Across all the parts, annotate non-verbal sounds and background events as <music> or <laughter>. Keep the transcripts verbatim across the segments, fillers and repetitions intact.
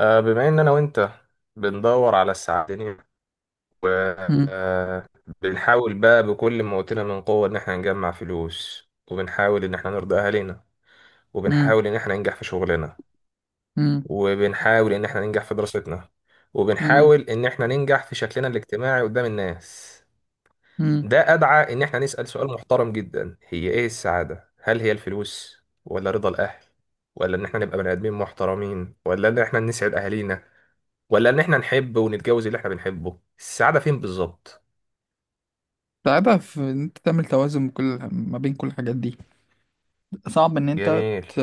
آه، بما ان انا وانت بندور على السعادة، مم. وبنحاول بقى بكل ما اوتنا من قوة ان احنا نجمع فلوس، وبنحاول ان احنا نرضي اهالينا، مم. وبنحاول ان احنا ننجح في شغلنا، مم. وبنحاول ان احنا ننجح في دراستنا، مم. وبنحاول ان احنا ننجح في شكلنا الاجتماعي قدام الناس. مم. ده ادعى ان احنا نسأل سؤال محترم جدا، هي ايه السعادة؟ هل هي الفلوس، ولا رضا الاهل، ولا ان احنا نبقى بني ادمين محترمين، ولا ان احنا نسعد اهالينا، ولا ان احنا نحب ونتجوز اللي احنا بنحبه؟ السعادة فين بالظبط؟ صعبة في إن أنت تعمل توازن كل ما بين كل الحاجات دي. صعب إن أنت جميل ت...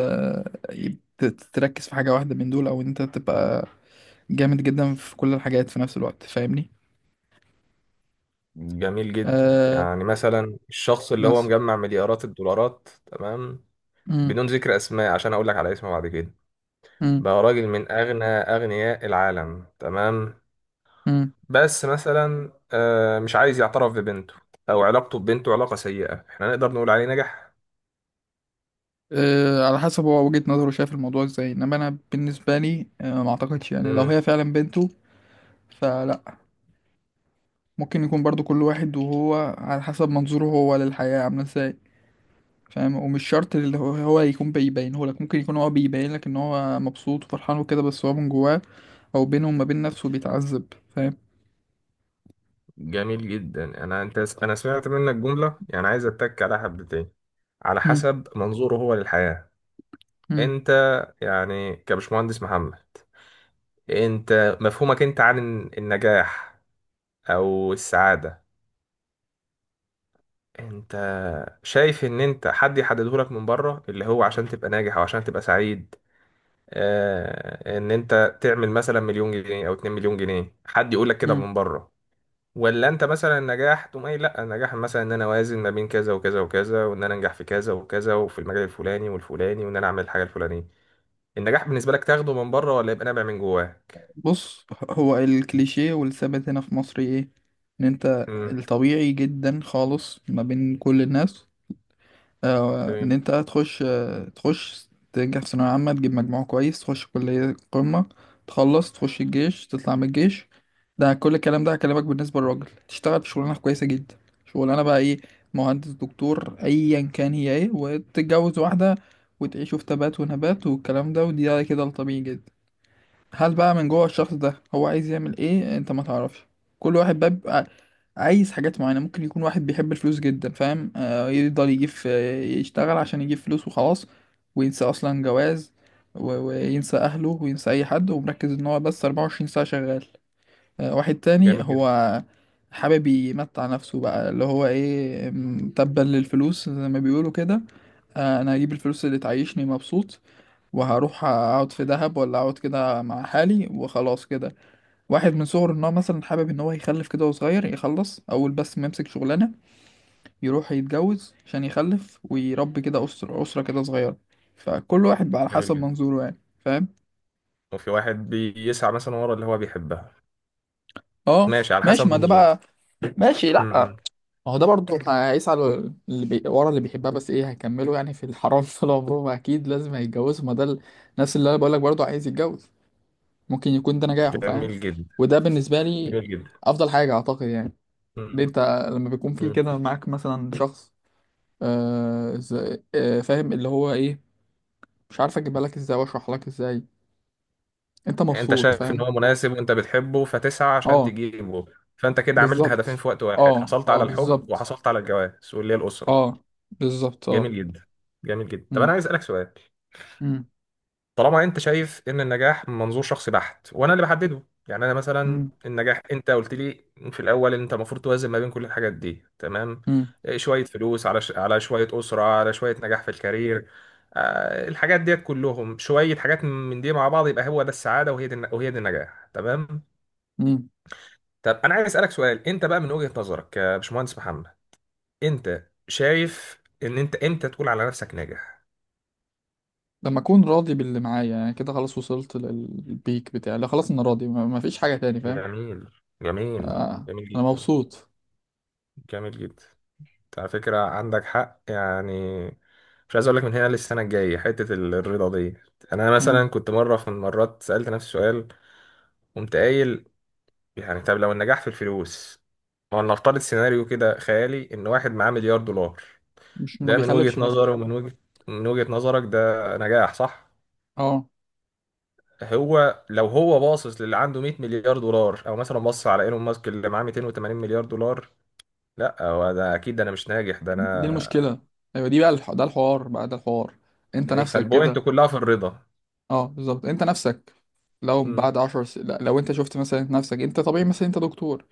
ت- تركز في حاجة واحدة من دول أو إن أنت تبقى جامد جدا في كل الحاجات في نفس الوقت، فاهمني؟ جميل جدا. آه، يعني مثلا الشخص اللي هو مثلا. مجمع مليارات الدولارات، تمام، مم. بدون ذكر اسماء عشان اقول لك على اسمه بعد كده، مم. بقى راجل من اغنى اغنياء العالم، تمام، مم. بس مثلا آه، مش عايز يعترف ببنته، او علاقته ببنته علاقة سيئة. احنا نقدر نقول عليه نجح؟ آه، على حسب هو وجهة نظره، شايف الموضوع إزاي. إنما أنا بالنسبة لي آه ما أعتقدش، يعني لو مم. هي فعلا بنته، فلا. ممكن يكون برضو كل واحد وهو على حسب منظوره هو للحياة عاملة إزاي، فاهم؟ ومش شرط اللي هو هو يكون بيبينه لك. ممكن يكون هو بيبين لك ان هو مبسوط وفرحان وكده، بس هو من جواه او بينه وما بين نفسه بيتعذب، فاهم. جميل جدا. انا انت انا سمعت منك جملة يعني عايز اتك عليها حبتين: على مم. حسب منظوره هو للحياة. مم. انت، يعني كبشمهندس محمد، انت مفهومك انت عن النجاح او السعادة، انت شايف ان انت حد يحدده لك من بره اللي هو عشان تبقى ناجح او عشان تبقى سعيد؟ آه ان انت تعمل مثلا مليون جنيه او اتنين مليون جنيه، حد يقول لك كده مم. من بره، ولا انت مثلا النجاح تقوم قايل لا النجاح مثلا ان انا اوازن ما بين كذا وكذا وكذا، وان انا انجح في كذا وكذا وفي المجال الفلاني والفلاني، وان انا اعمل الحاجة الفلانية؟ النجاح بالنسبة لك تاخده من بره ولا يبقى نابع من جواك؟ بص، هو الكليشيه والثابت هنا في مصر ايه؟ ان انت الطبيعي جدا خالص ما بين كل الناس، آه، ان تمام. انت تخش آه، تخش تنجح في ثانوية عامة، تجيب مجموع كويس، تخش كلية قمة، تخلص، تخش الجيش، تطلع من الجيش. ده كل الكلام ده هكلمك، بالنسبة للراجل تشتغل في شغلانة كويسة جدا. شغلانة بقى ايه؟ مهندس، دكتور، ايا كان. هي ايه؟ وتتجوز واحدة، وتعيشوا في تبات ونبات، والكلام ده، ودي كده الطبيعي جدا. هل بقى من جوه الشخص ده هو عايز يعمل ايه؟ انت ما تعرفش. كل واحد بقى بيبقى عايز حاجات معينة. ممكن يكون واحد بيحب الفلوس جدا، فاهم، آه يفضل يجيب في- يشتغل عشان يجيب فلوس وخلاص، وينسى اصلا جواز، و- وينسى اهله وينسى اي حد، ومركز ان هو بس أربعة وعشرين ساعة شغال. آه واحد تاني جميل جدا. هو حابب يمتع نفسه بقى، اللي هو ايه، م، تبا للفلوس زي ما بيقولوا كده. آه انا هجيب الفلوس اللي تعيشني مبسوط، وهروح اقعد في دهب ولا اقعد كده مع حالي وخلاص كده. واحد من صغره ان هو مثلا حابب ان هو يخلف كده، وهو صغير يخلص اول بس ما يمسك شغلانه، يروح يتجوز عشان يخلف ويربي كده اسره اسره كده صغيره. فكل واحد بقى على جميل حسب جدا. منظوره يعني، فاهم. وفي واحد بيسعى مثلا ورا اللي هو بيحبها، اه، ماشي، على ماشي. حسب ما ده منظور. بقى ماشي. لا، امم ما هو ده برضه هيسعى لل- اللي بي... ورا اللي بيحبها، بس ايه هيكملوا؟ يعني في الحرام <laughs> طول عمرهم؟ اكيد لازم هيتجوزوا، ما ده ال- نفس اللي انا بقول لك برضه، عايز يتجوز. ممكن يكون ده نجاحه، فاهم. جميل جدا. وده بالنسبة لي جميل جدا. أفضل حاجة، أعتقد يعني. ليه امم أنت لما بيكون في أمم. كده معاك مثلا شخص، آه ز- آه فاهم اللي هو إيه، مش عارف أجيبها لك إزاي وأشرح لك إزاي. أنت انت مبسوط، شايف ان فاهم. هو مناسب وانت بتحبه فتسعى عشان أه، تجيبه، فانت كده عملت هدفين بالظبط. في وقت واحد: أه، حصلت أه، على الحب بالظبط. وحصلت على الجواز واللي هي الاسره. أه، بالظبط. أه. جميل جدا. جميل جدا. طب انا مم، عايز اسالك سؤال. مم، طالما انت شايف ان النجاح من منظور شخصي بحت وانا اللي بحدده، يعني انا مثلا مم، النجاح انت قلت لي في الاول ان انت المفروض توازن ما بين كل الحاجات دي، تمام، مم، إيه، شويه فلوس على ش... على شويه اسره على شويه نجاح في الكارير. آه الحاجات ديت كلهم، شويه حاجات من دي مع بعض، يبقى هو ده السعاده وهي دي الن- وهي دي النجاح، تمام. مم. طب انا عايز اسالك سؤال، انت بقى من وجهه نظرك يا باشمهندس محمد، انت شايف ان انت امتى تقول على نفسك ناجح؟ لما أكون راضي باللي معايا، يعني كده خلاص، وصلت لل- للبيك بتاعي. لا خلاص، أنا راضي، ما- مفيش حاجة تاني، فاهم. جميل. جميل. آه، جميل أنا جدا. مبسوط. جميل جدا. على فكرة عندك حق يعني، مش عايز اقول لك من هنا للسنة الجاية حتة ال- الرضا دي. انا مم. مثلا كنت مرة في المرات سألت نفسي سؤال، قمت قايل يعني طب لو النجاح في الفلوس، ما نفترض سيناريو كده خيالي ان واحد معاه مليار دولار، مش ما ده من بيخلفش وجهة مثلا. نظره ومن وجهة من وجهة نظرك ده نجاح، صح؟ اه، هو لو هو باصص للي عنده مائة مليار دولار، او مثلا بص على ايلون ماسك اللي معاه مائتين وثمانين مليار دولار، لا هو ده اكيد، ده انا مش ناجح، ده دي انا. المشكله. ايوه، دي بقى الح... ده الحوار بقى، ده الحوار. انت يعني نفسك فالبوينت كده. كلها في الرضا. اه، بالظبط، انت نفسك. لو بعد عشر س... لا، لو انت شفت مثلا نفسك انت طبيعي، مثلا انت دكتور.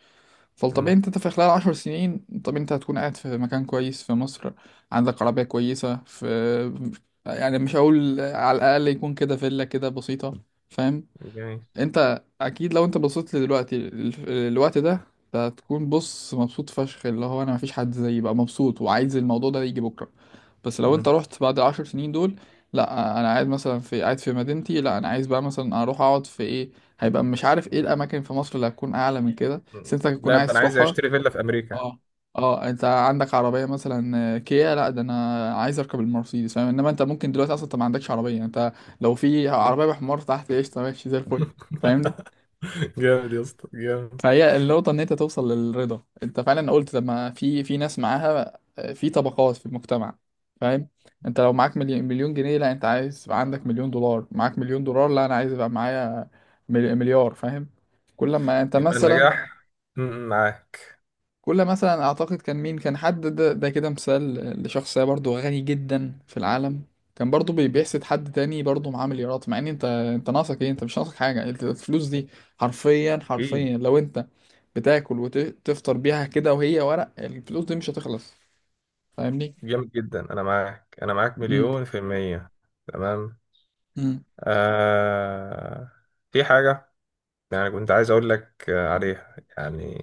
فالطبيعي مم. انت, انت في خلال عشر سنين، طب انت هتكون قاعد في مكان كويس في مصر، عندك عربية كويسة في، يعني مش هقول على الأقل يكون كده فيلا كده بسيطة، فاهم. جميل. انت اكيد لو انت بصيت لدلوقتي ال- الوقت ده، انت هتكون بص مبسوط فشخ، اللي هو انا مفيش حد زيي بقى مبسوط، وعايز الموضوع ده يجي بكره. بس لو انت مم. رحت بعد العشر سنين دول، لا انا قاعد مثلا في، قاعد في مدينتي. لا انا عايز بقى مثلا اروح اقعد في ايه، هيبقى مش عارف ايه الاماكن في مصر اللي هتكون اعلى من كده، بس مم. انت هتكون لا ده عايز انا عايز تروحها. اشتري فيلا في امريكا. اه، اه، انت عندك عربيه مثلا، آه، كيا. لا ده انا عايز اركب المرسيدس، فاهم. انما انت ممكن دلوقتي اصلا انت ما عندكش عربيه، انت لو في عربيه بحمار تحت قشطه، ماشي زي الفل، فاهمني. <laughs> جامد يا اسطى، جامد. فهي النقطة إن أنت توصل للرضا. أنت فعلا قلت، لما في في ناس معاها آه، في طبقات في المجتمع، فاهم. أنت لو معاك مليون مليون جنيه، لا أنت عايز يبقى عندك مليون دولار، معاك مليون دولار، لا أنا عايز يبقى معايا مل- مليار، فاهم. كل ما أنت يبقى مثلا النجاح. مم. معاك. كل مثلا، اعتقد كان مين؟ كان حد ده, ده كده، مثال لشخصية برضو غني جدا في العالم، كان برضو بي- مم. بيحسد حد تاني برضو معاه مليارات. مع ان انت انت ناقصك ايه؟ انت مش ناقصك حاجة، انت الفلوس دي حرفيا اكيد. حرفيا، لو انت بتاكل وتفطر بيها كده وهي ورق، الفلوس دي مش هتخلص، فاهمني. جامد جدا. انا معاك، انا معاك امم، مليون في المية. تمام. امم، آه... في حاجة يعني كنت عايز اقول لك آه، عليها يعني.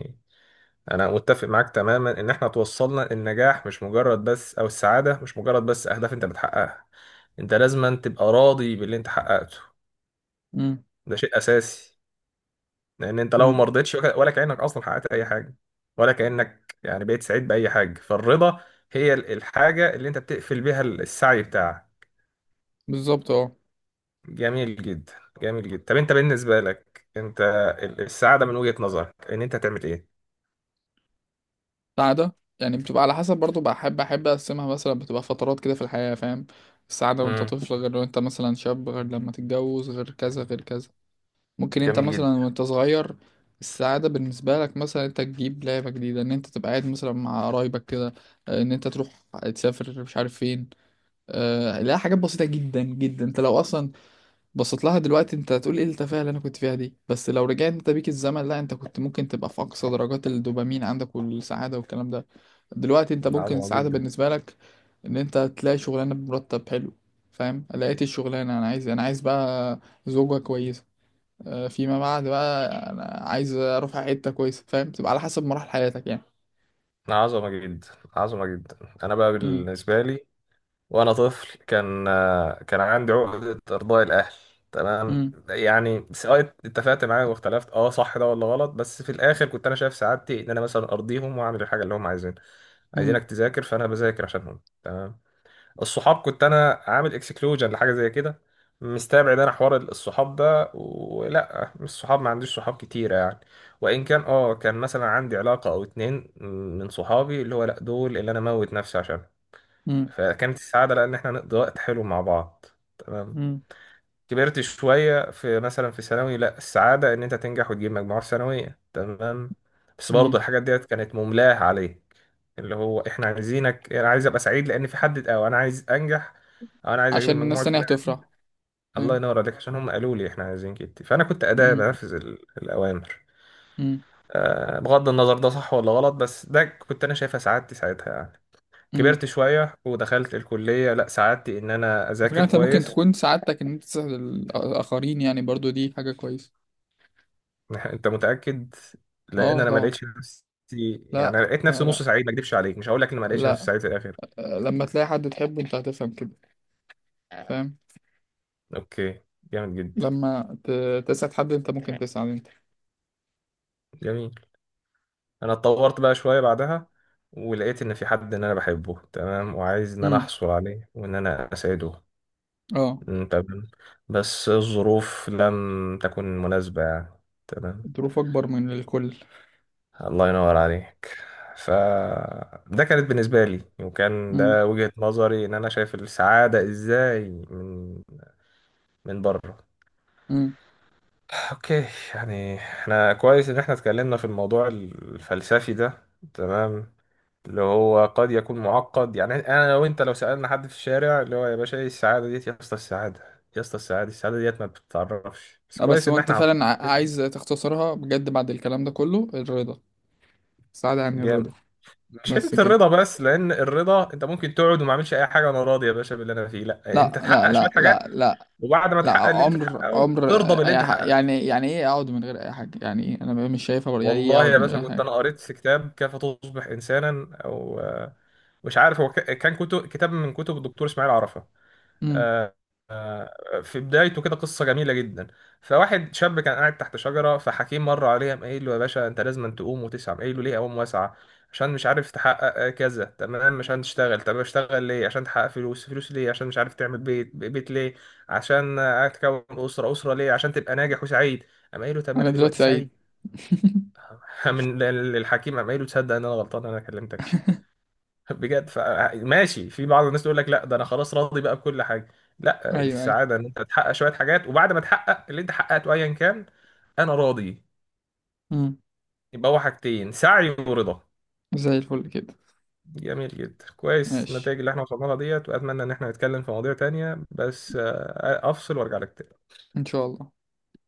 انا متفق معاك تماما ان احنا توصلنا النجاح مش مجرد بس، او السعاده مش مجرد بس اهداف انت بتحققها، انت لازم أن تبقى راضي باللي انت حققته. امم، ده شيء اساسي، لان انت لو ما امم، رضيتش ولا كانك اصلا حققت اي حاجه ولا كانك يعني بقيت سعيد باي حاجه. فالرضا هي ال- الحاجه اللي انت بتقفل بيها السعي بتاعك. بالظبط، اه. جميل جدا. جميل جدا. طب انت بالنسبه لك، انت ال- السعاده من وجهه نظرك ان انت تعمل ايه؟ السعادة يعني بتبقى على حسب برضو، بحب احب اقسمها مثلا، بتبقى فترات كده في الحياة، فاهم. السعادة وانت امم طفل غير، وانت مثلا شاب غير، لما تتجوز غير، كذا غير كذا. ممكن انت جميل جدا. مثلا وانت صغير السعادة بالنسبة لك مثلا انت تجيب لعبة جديدة، ان انت تبقى قاعد مثلا مع قرايبك كده، اه، ان انت تروح تسافر مش عارف فين، اه، لا، حاجات بسيطة جدا جدا. انت لو اصلا بصيت لها دلوقتي انت هتقول ايه التفاهة اللي انا كنت فيها دي، بس لو رجعت انت بيك الزمن، لا، انت كنت ممكن تبقى في اقصى درجات الدوبامين عندك والسعادة والكلام ده. دلوقتي انت ممكن عظمه السعادة جدا. بالنسبة لك ان انت تلاقي شغلانة بمرتب حلو، فاهم، لقيت الشغلانة، انا عايز انا عايز بقى زوجة كويسة. آه، فيما بعد بقى، انا عايز اروح على حته كويسه، فاهم. تبقى على حسب مراحل حياتك يعني. عظمه جدا. عظمه جدا. انا بقى مم. بالنسبه لي، وانا طفل كان آه، كان عندي عقدة ارضاء الاهل، تمام، مم. يعني سواء اتفقت معايا واختلفت اه صح ده ولا غلط، بس في الاخر كنت انا شايف سعادتي ان انا مثلا ارضيهم واعمل الحاجه اللي هم عايزينها. مم. عايزينك تذاكر، فانا بذاكر عشانهم، تمام. الصحاب كنت انا عامل اكسكلوجن لحاجه زي كده، مستبعد انا حوار الصحاب ده، ولا مش صحاب، ما عنديش صحاب كتيره يعني. وان كان اه كان مثلا عندي علاقه او اتنين من صحابي اللي هو لا دول اللي انا موت نفسي عشانهم، مم. فكانت السعادة لأن إحنا نقضي وقت حلو مع بعض، تمام. مم. كبرت شوية في مثلا في ثانوي، لأ السعادة إن أنت تنجح وتجيب مجموعة ثانوية، تمام، بس برضه مم. الحاجات ديت كانت مملاة عليك، اللي هو إحنا عايزينك. أنا عايز أبقى سعيد لأن في حد، أو أنا عايز أنجح، أو أنا عايز أجيب عشان الناس المجموعة التانية الفلانية. هتفرح، الله فاهم. ينور عليك، عشان هم قالوا لي إحنا عايزين كده، فأنا كنت أداة مم. بنفذ ال- الأوامر. مم. آه، بغض النظر ده صح ولا غلط، بس ده كنت أنا شايفها سعادتي ساعتها يعني. مم. كبرت شوية ودخلت الكلية، لا سعادتي إن أنا الفكرة أذاكر انت ممكن كويس. تكون سعادتك ان انت تساعد الاخرين، يعني برضو دي حاجه كويسه. <laughs> أنت متأكد؟ لأن اه، أنا ما طبعا. لقيتش نفسي، يعني لا، لقيت آه، نفسي لا، نص سعيد، ما أكدبش عليك، مش هقول لك إن ما لقيتش نفسي لا، سعيد في الآخر. آه لما تلاقي حد تحبه انت هتفهم كده، فاهم. أوكي. جامد جدا. لما ت- تسعد حد انت ممكن تسعد انت. جميل. أنا اتطورت بقى شوية بعدها، ولقيت إن في حد إن أنا بحبه، تمام، وعايز إن أنا مم. أحصل عليه وإن أنا أسعده. اه، أمم، تمام. بس الظروف لم تكن مناسبة يعني، تمام. الظروف اكبر من الكل. الله ينور عليك. ف ده كانت بالنسبة لي وكان ده وجهة نظري ان انا شايف السعادة ازاي، من من بره. امم. اوكي. يعني احنا كويس ان احنا اتكلمنا في الموضوع الفلسفي ده، تمام، اللي هو قد يكون معقد يعني. انا لو انت لو سألنا حد في الشارع اللي هو يا باشا ايه السعادة ديت، يا اسطى السعادة، يا اسطى السعادة، السعادة ديت ما بتتعرفش، بس لا، كويس بس هو ان انت احنا عطينا. فعلا ع- عايز تختصرها بجد بعد الكلام ده كله؟ الرضا. السعادة يعني الرضا، جامد. مش بس حته كده؟ الرضا بس، لان الرضا انت ممكن تقعد وما اعملش اي حاجه وانا راضي يا باشا باللي انا فيه. لا لا، انت لا، تحقق شويه لا، حاجات لا، لا. وبعد ما لا تحقق اللي انت عمر تحققه عمر، ترضى باللي انت آه، حققته. يعني يعني ايه اقعد من غير اي حاجة؟ يعني ايه انا مش شايفها برضه. يعني ايه والله اقعد يا من باشا غير كنت حاجة؟ انا قريت في كتاب كيف تصبح انسانا، او آه، مش عارف هو ك- كان كتب كتاب من كتب الدكتور اسماعيل عرفة، امم. آه، في بدايته كده قصة جميلة جدا. فواحد شاب كان قاعد تحت شجرة، فحكيم مر عليه، قام قايل له يا باشا انت لازم أن تقوم وتسعى. قام قايل له ليه اقوم واسعى؟ عشان مش عارف تحقق آه، كذا، تمام. عشان تشتغل. طب اشتغل ليه؟ عشان تحقق فلوس. فلوس ليه؟ عشان مش عارف تعمل بيت. بيت ليه؟ عشان آه، تكون أسرة. أسرة ليه؟ عشان تبقى ناجح وسعيد. قام قايل له طب ما انا انا دلوقتي دلوقتي سعيد. سعيد. <laughs> من الحكيم قام قايل له تصدق ان انا غلطان انا كلمتك. <laughs> بجد ف... ماشي. في بعض الناس تقول لك لا ده انا خلاص راضي بقى بكل حاجه. لا، ايوه، ايوه. السعاده ان انت تحقق شويه حاجات، وبعد ما تحقق اللي انت حققته ايا كان، انا راضي. امم. يبقى هو حاجتين: سعي ورضا. زي الفل كده. جميل جدا. كويس ماشي، النتائج اللي احنا وصلنا لها ديت، واتمنى ان احنا نتكلم في مواضيع تانية، بس آه، افصل وارجع لك تاني. ان شاء الله.